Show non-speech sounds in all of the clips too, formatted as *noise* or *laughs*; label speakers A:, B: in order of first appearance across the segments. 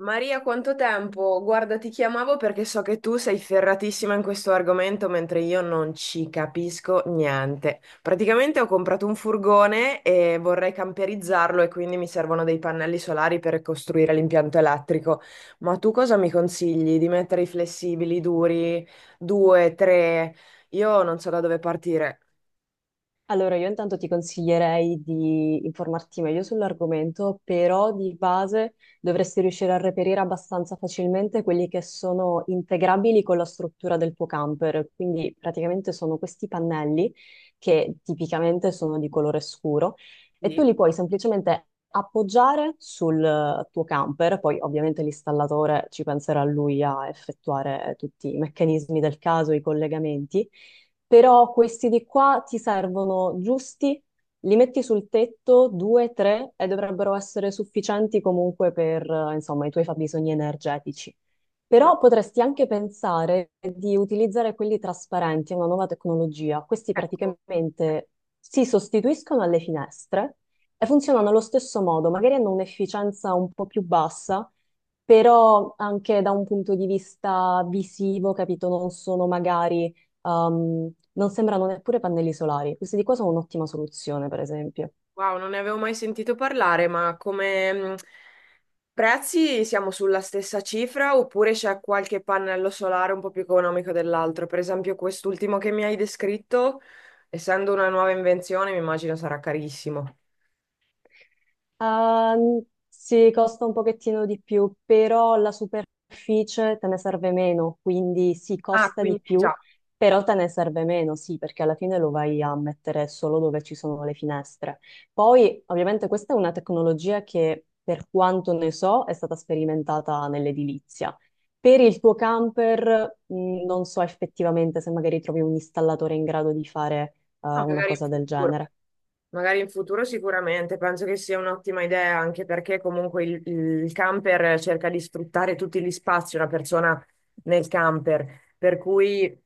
A: Maria, quanto tempo? Guarda, ti chiamavo perché so che tu sei ferratissima in questo argomento, mentre io non ci capisco niente. Praticamente ho comprato un furgone e vorrei camperizzarlo e quindi mi servono dei pannelli solari per costruire l'impianto elettrico. Ma tu cosa mi consigli? Di mettere i flessibili, duri, due, tre? Io non so da dove partire.
B: Allora, io intanto ti consiglierei di informarti meglio sull'argomento, però di base dovresti riuscire a reperire abbastanza facilmente quelli che sono integrabili con la struttura del tuo camper. Quindi praticamente sono questi pannelli che tipicamente sono di colore scuro e tu
A: Sì,
B: li puoi semplicemente appoggiare sul tuo camper, poi ovviamente l'installatore ci penserà lui a effettuare tutti i meccanismi del caso, i collegamenti. Però questi di qua ti servono giusti, li metti sul tetto, due, tre, e dovrebbero essere sufficienti comunque per, insomma, i tuoi fabbisogni energetici.
A: ma
B: Però potresti anche pensare di utilizzare quelli trasparenti, è una nuova tecnologia. Questi
A: ecco,
B: praticamente si sostituiscono alle finestre e funzionano allo stesso modo, magari hanno un'efficienza un po' più bassa, però anche da un punto di vista visivo, capito, non sono magari, non sembrano neppure pannelli solari. Questi di qua sono un'ottima soluzione, per esempio.
A: wow, non ne avevo mai sentito parlare, ma come prezzi siamo sulla stessa cifra oppure c'è qualche pannello solare un po' più economico dell'altro? Per esempio, quest'ultimo che mi hai descritto, essendo una nuova invenzione, mi immagino sarà carissimo.
B: Ehm, sì, costa un pochettino di più, però la superficie te ne serve meno, quindi sì,
A: Ah,
B: costa
A: quindi
B: di più,
A: già,
B: però te ne serve meno, sì, perché alla fine lo vai a mettere solo dove ci sono le finestre. Poi, ovviamente, questa è una tecnologia che, per quanto ne so, è stata sperimentata nell'edilizia. Per il tuo camper, non so effettivamente se magari trovi un installatore in grado di fare,
A: ah,
B: una
A: magari in
B: cosa del
A: futuro.
B: genere.
A: Magari in futuro sicuramente, penso che sia un'ottima idea anche perché comunque il camper cerca di sfruttare tutti gli spazi, una persona nel camper, per cui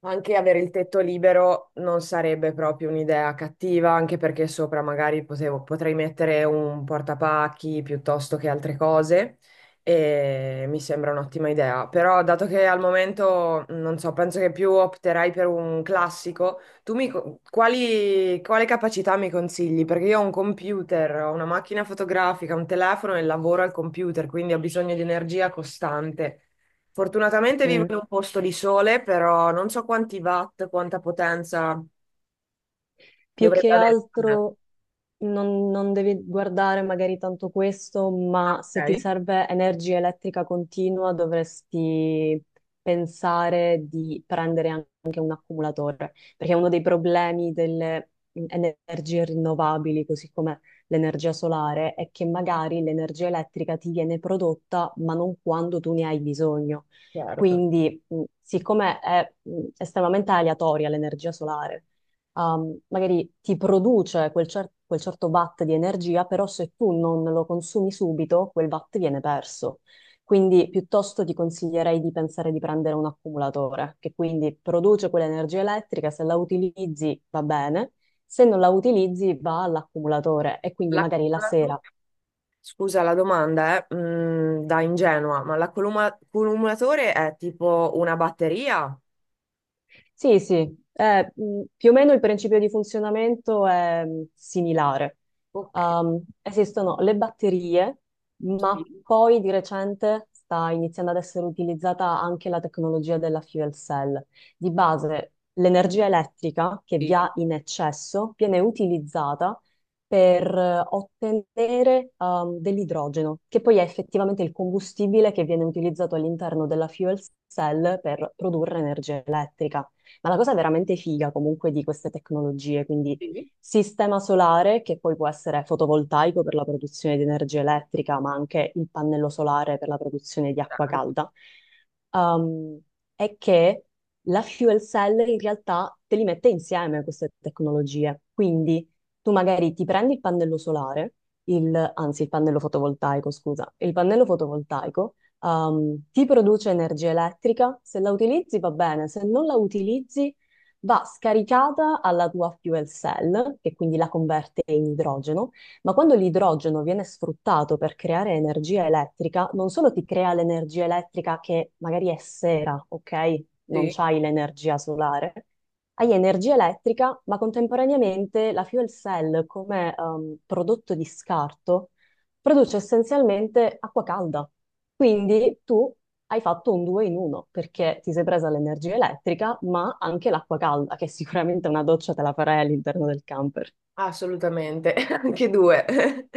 A: anche avere il tetto libero non sarebbe proprio un'idea cattiva, anche perché sopra magari potrei mettere un portapacchi piuttosto che altre cose e mi sembra un'ottima idea, però dato che al momento non so, penso che più opterai per un classico. Tu mi quale capacità mi consigli? Perché io ho un computer, ho una macchina fotografica, un telefono e lavoro al computer, quindi ho bisogno di energia costante. Fortunatamente vivo
B: Mm.
A: in un posto di sole, però non so quanti watt, quanta potenza
B: Più
A: dovrebbe
B: che
A: avere. Ah,
B: altro. Non devi guardare magari tanto questo, ma se ti
A: ok,
B: serve energia elettrica continua dovresti pensare di prendere anche un accumulatore, perché uno dei problemi delle energie rinnovabili, così come l'energia solare, è che magari l'energia elettrica ti viene prodotta, ma non quando tu ne hai bisogno.
A: certo.
B: Quindi, siccome è estremamente aleatoria l'energia solare, magari ti produce quel certo watt di energia, però se tu non lo consumi subito, quel watt viene perso. Quindi piuttosto ti consiglierei di pensare di prendere un accumulatore, che quindi produce quell'energia elettrica, se la utilizzi va bene, se non la utilizzi va all'accumulatore e quindi
A: La
B: magari la
A: cumulatura-
B: sera.
A: Scusa la domanda, da ingenua, ma l'accumulatore è tipo una batteria?
B: Sì, sì, più o meno il principio di funzionamento è similare.
A: Ok,
B: Esistono le batterie, ma
A: sì,
B: poi di recente sta iniziando ad essere utilizzata anche la tecnologia della fuel cell. Di base, l'energia elettrica che vi
A: sì,
B: ha in eccesso viene utilizzata per ottenere dell'idrogeno, che poi è effettivamente il combustibile che viene utilizzato all'interno della fuel cell per produrre energia elettrica. Ma la cosa veramente figa comunque di queste tecnologie, quindi
A: sì,
B: sistema solare che poi può essere fotovoltaico per la produzione di energia elettrica, ma anche il pannello solare per la produzione di acqua
A: certo,
B: calda, ehm, è che la fuel cell in realtà te li mette insieme queste tecnologie. Quindi tu magari ti prendi il pannello solare, anzi il pannello fotovoltaico, scusa, il pannello fotovoltaico ti produce energia elettrica. Se la utilizzi va bene, se non la utilizzi va scaricata alla tua fuel cell, che quindi la converte in idrogeno, ma quando l'idrogeno viene sfruttato per creare energia elettrica, non solo ti crea l'energia elettrica che magari è sera, ok? Non
A: sì.
B: c'hai l'energia solare. Hai energia elettrica, ma contemporaneamente la fuel cell come prodotto di scarto produce essenzialmente acqua calda. Quindi tu hai fatto un due in uno perché ti sei presa l'energia elettrica, ma anche l'acqua calda, che *laughs* sicuramente una doccia te la farai all'interno del camper.
A: Assolutamente, *laughs* anche due. *laughs*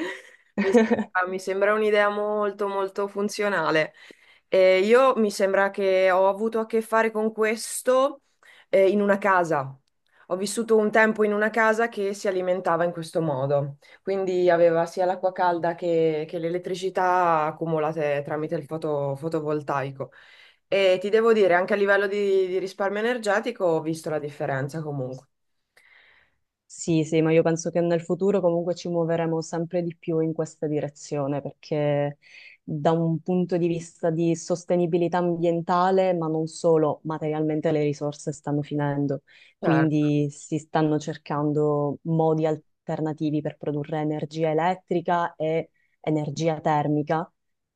A: Mi sembra un'idea molto molto funzionale. E io mi sembra che ho avuto a che fare con questo in una casa. Ho vissuto un tempo in una casa che si alimentava in questo modo, quindi aveva sia l'acqua calda che l'elettricità accumulate tramite il fotovoltaico. E ti devo dire, anche a livello di risparmio energetico ho visto la differenza comunque.
B: Sì, sì, ma io penso che nel futuro comunque ci muoveremo sempre di più in questa direzione perché da un punto di vista di sostenibilità ambientale, ma non solo, materialmente le risorse stanno finendo,
A: Certo.
B: quindi si stanno cercando modi alternativi per produrre energia elettrica e energia termica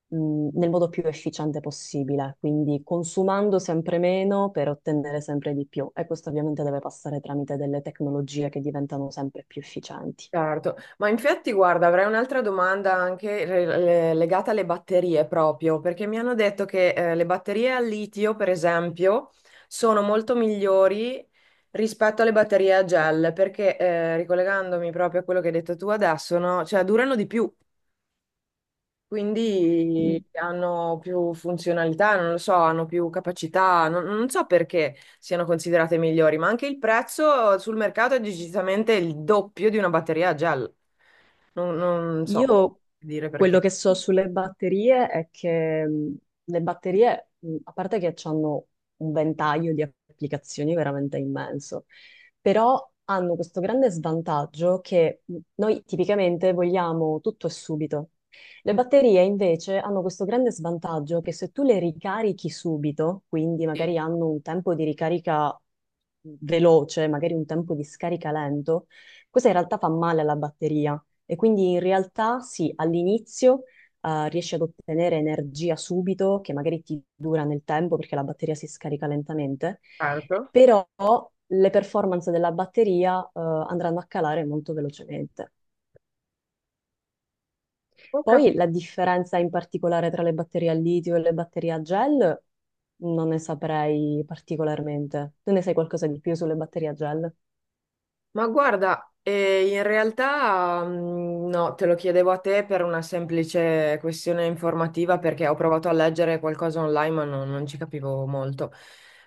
B: nel modo più efficiente possibile, quindi consumando sempre meno per ottenere sempre di più. E questo ovviamente deve passare tramite delle tecnologie che diventano sempre più efficienti.
A: Certo, ma infatti guarda, avrei un'altra domanda anche legata alle batterie proprio, perché mi hanno detto che le batterie al litio, per esempio, sono molto migliori rispetto alle batterie a gel, perché ricollegandomi proprio a quello che hai detto tu adesso, no? Cioè durano di più.
B: Mm.
A: Quindi hanno più funzionalità, non lo so, hanno più capacità, non so perché siano considerate migliori, ma anche il prezzo sul mercato è decisamente il doppio di una batteria a gel. Non so
B: Io
A: dire
B: quello
A: perché.
B: che so sulle batterie è che le batterie, a parte che hanno un ventaglio di applicazioni veramente immenso, però hanno questo grande svantaggio che noi tipicamente vogliamo tutto e subito. Le batterie invece hanno questo grande svantaggio che se tu le ricarichi subito, quindi magari hanno un tempo di ricarica veloce, magari un tempo di scarica lento, questo in realtà fa male alla batteria e quindi in realtà sì, all'inizio riesci ad ottenere energia subito, che magari ti dura nel tempo perché la batteria si scarica lentamente,
A: Certo.
B: però le performance della batteria andranno a calare molto velocemente.
A: Ho capito.
B: Poi la differenza in particolare tra le batterie al litio e le batterie a gel non ne saprei particolarmente. Tu ne sai qualcosa di più sulle batterie a gel?
A: Ma guarda, in realtà no, te lo chiedevo a te per una semplice questione informativa perché ho provato a leggere qualcosa online ma non ci capivo molto.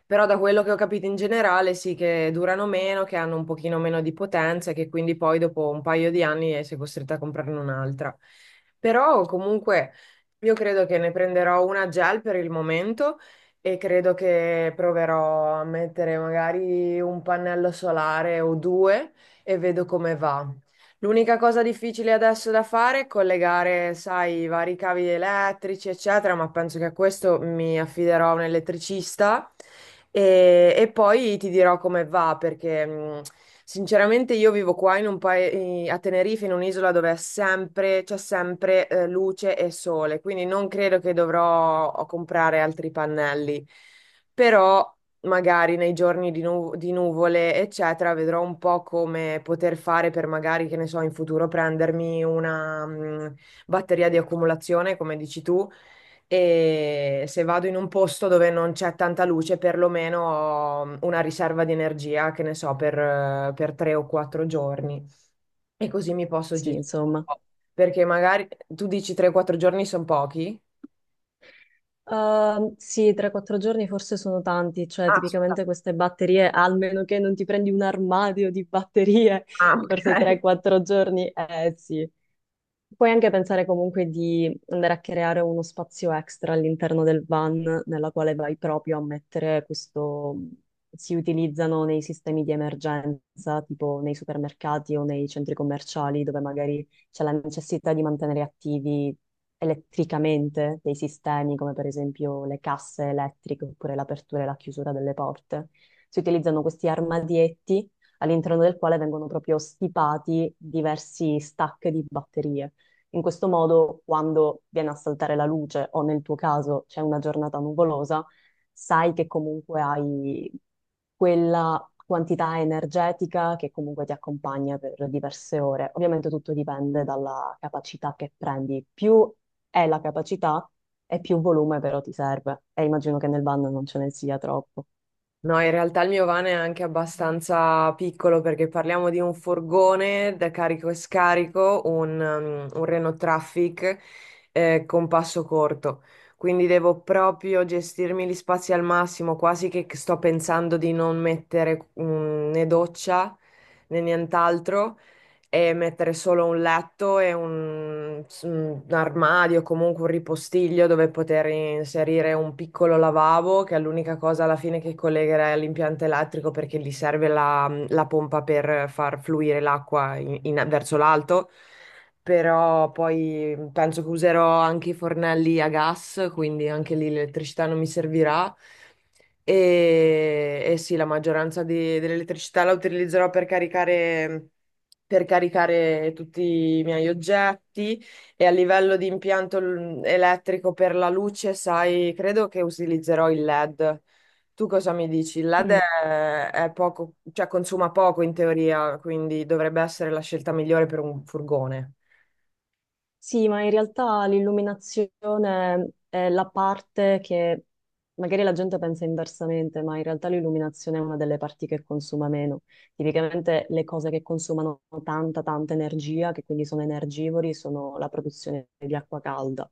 A: Però da quello che ho capito in generale sì che durano meno, che hanno un pochino meno di potenza e che quindi poi dopo un paio di anni sei costretta a comprarne un'altra. Però comunque io credo che ne prenderò una gel per il momento e credo che proverò a mettere magari un pannello solare o due e vedo come va. L'unica cosa difficile adesso da fare è collegare, sai, i vari cavi elettrici, eccetera, ma penso che a questo mi affiderò a un elettricista e poi ti dirò come va, perché sinceramente io vivo qua in un a Tenerife, in un'isola dove è sempre, c'è sempre luce e sole, quindi non credo che dovrò oh, comprare altri pannelli. Però magari nei giorni di nuvole, eccetera, vedrò un po' come poter fare per magari, che ne so, in futuro prendermi una batteria di accumulazione, come dici tu, e se vado in un posto dove non c'è tanta luce, perlomeno ho una riserva di energia, che ne so, per tre o quattro giorni. E così mi posso
B: Sì,
A: gestire un
B: insomma.
A: po'. Perché magari tu dici 3-4 giorni sono pochi.
B: Sì, 3-4 giorni forse sono tanti, cioè
A: Ah, scusa.
B: tipicamente queste batterie, almeno che non ti prendi un armadio di batterie,
A: Ah,
B: forse
A: ok.
B: 3-4 giorni, eh sì. Puoi anche pensare comunque di andare a creare uno spazio extra all'interno del van nella quale vai proprio a mettere questo, si utilizzano nei sistemi di emergenza, tipo nei supermercati o nei centri commerciali dove magari c'è la necessità di mantenere attivi elettricamente dei sistemi, come per esempio le casse elettriche oppure l'apertura e la chiusura delle porte. Si utilizzano questi armadietti all'interno del quale vengono proprio stipati diversi stack di batterie. In questo modo, quando viene a saltare la luce o nel tuo caso c'è una giornata nuvolosa, sai che comunque hai quella quantità energetica che comunque ti accompagna per diverse ore. Ovviamente tutto dipende dalla capacità che prendi. Più è la capacità e più volume però ti serve. E immagino che nel van non ce ne sia troppo.
A: No, in realtà il mio van è anche abbastanza piccolo perché parliamo di un furgone da carico e scarico, un Renault Traffic con passo corto. Quindi devo proprio gestirmi gli spazi al massimo, quasi che sto pensando di non mettere né doccia né nient'altro e mettere solo un letto e un armadio, comunque un ripostiglio dove poter inserire un piccolo lavabo, che è l'unica cosa alla fine che collegherai all'impianto elettrico perché gli serve la pompa per far fluire l'acqua verso l'alto. Però poi penso che userò anche i fornelli a gas, quindi anche lì l'elettricità non mi servirà. E sì, la maggioranza dell'elettricità la utilizzerò per caricare tutti i miei oggetti e a livello di impianto elettrico per la luce, sai, credo che utilizzerò il LED. Tu cosa mi dici? Il LED è poco, cioè consuma poco in teoria, quindi dovrebbe essere la scelta migliore per un furgone.
B: Sì, ma in realtà l'illuminazione è la parte che magari la gente pensa inversamente, ma in realtà l'illuminazione è una delle parti che consuma meno. Tipicamente le cose che consumano tanta, tanta energia, che quindi sono energivori, sono la produzione di acqua calda.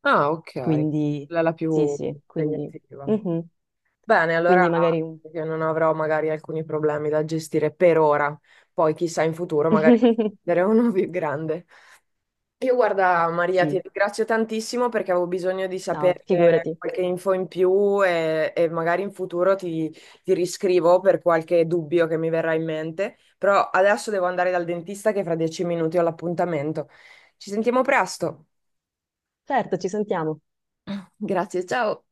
A: Ah, ok,
B: Quindi,
A: quella è la
B: sì,
A: più
B: sì, quindi,
A: impegnativa.
B: mhm.
A: Bene,
B: Quindi
A: allora
B: magari un...
A: io non avrò magari alcuni problemi da gestire per ora, poi chissà in futuro magari
B: *laughs*
A: ne uno *laughs* più grande. Io guarda Maria, ti
B: Sì,
A: ringrazio tantissimo perché avevo bisogno di
B: no,
A: sapere
B: figurati.
A: qualche info in più e magari in futuro ti, ti riscrivo per qualche dubbio che mi verrà in mente, però adesso devo andare dal dentista che fra 10 minuti ho l'appuntamento. Ci sentiamo presto.
B: Certo, ci sentiamo.
A: Grazie, ciao.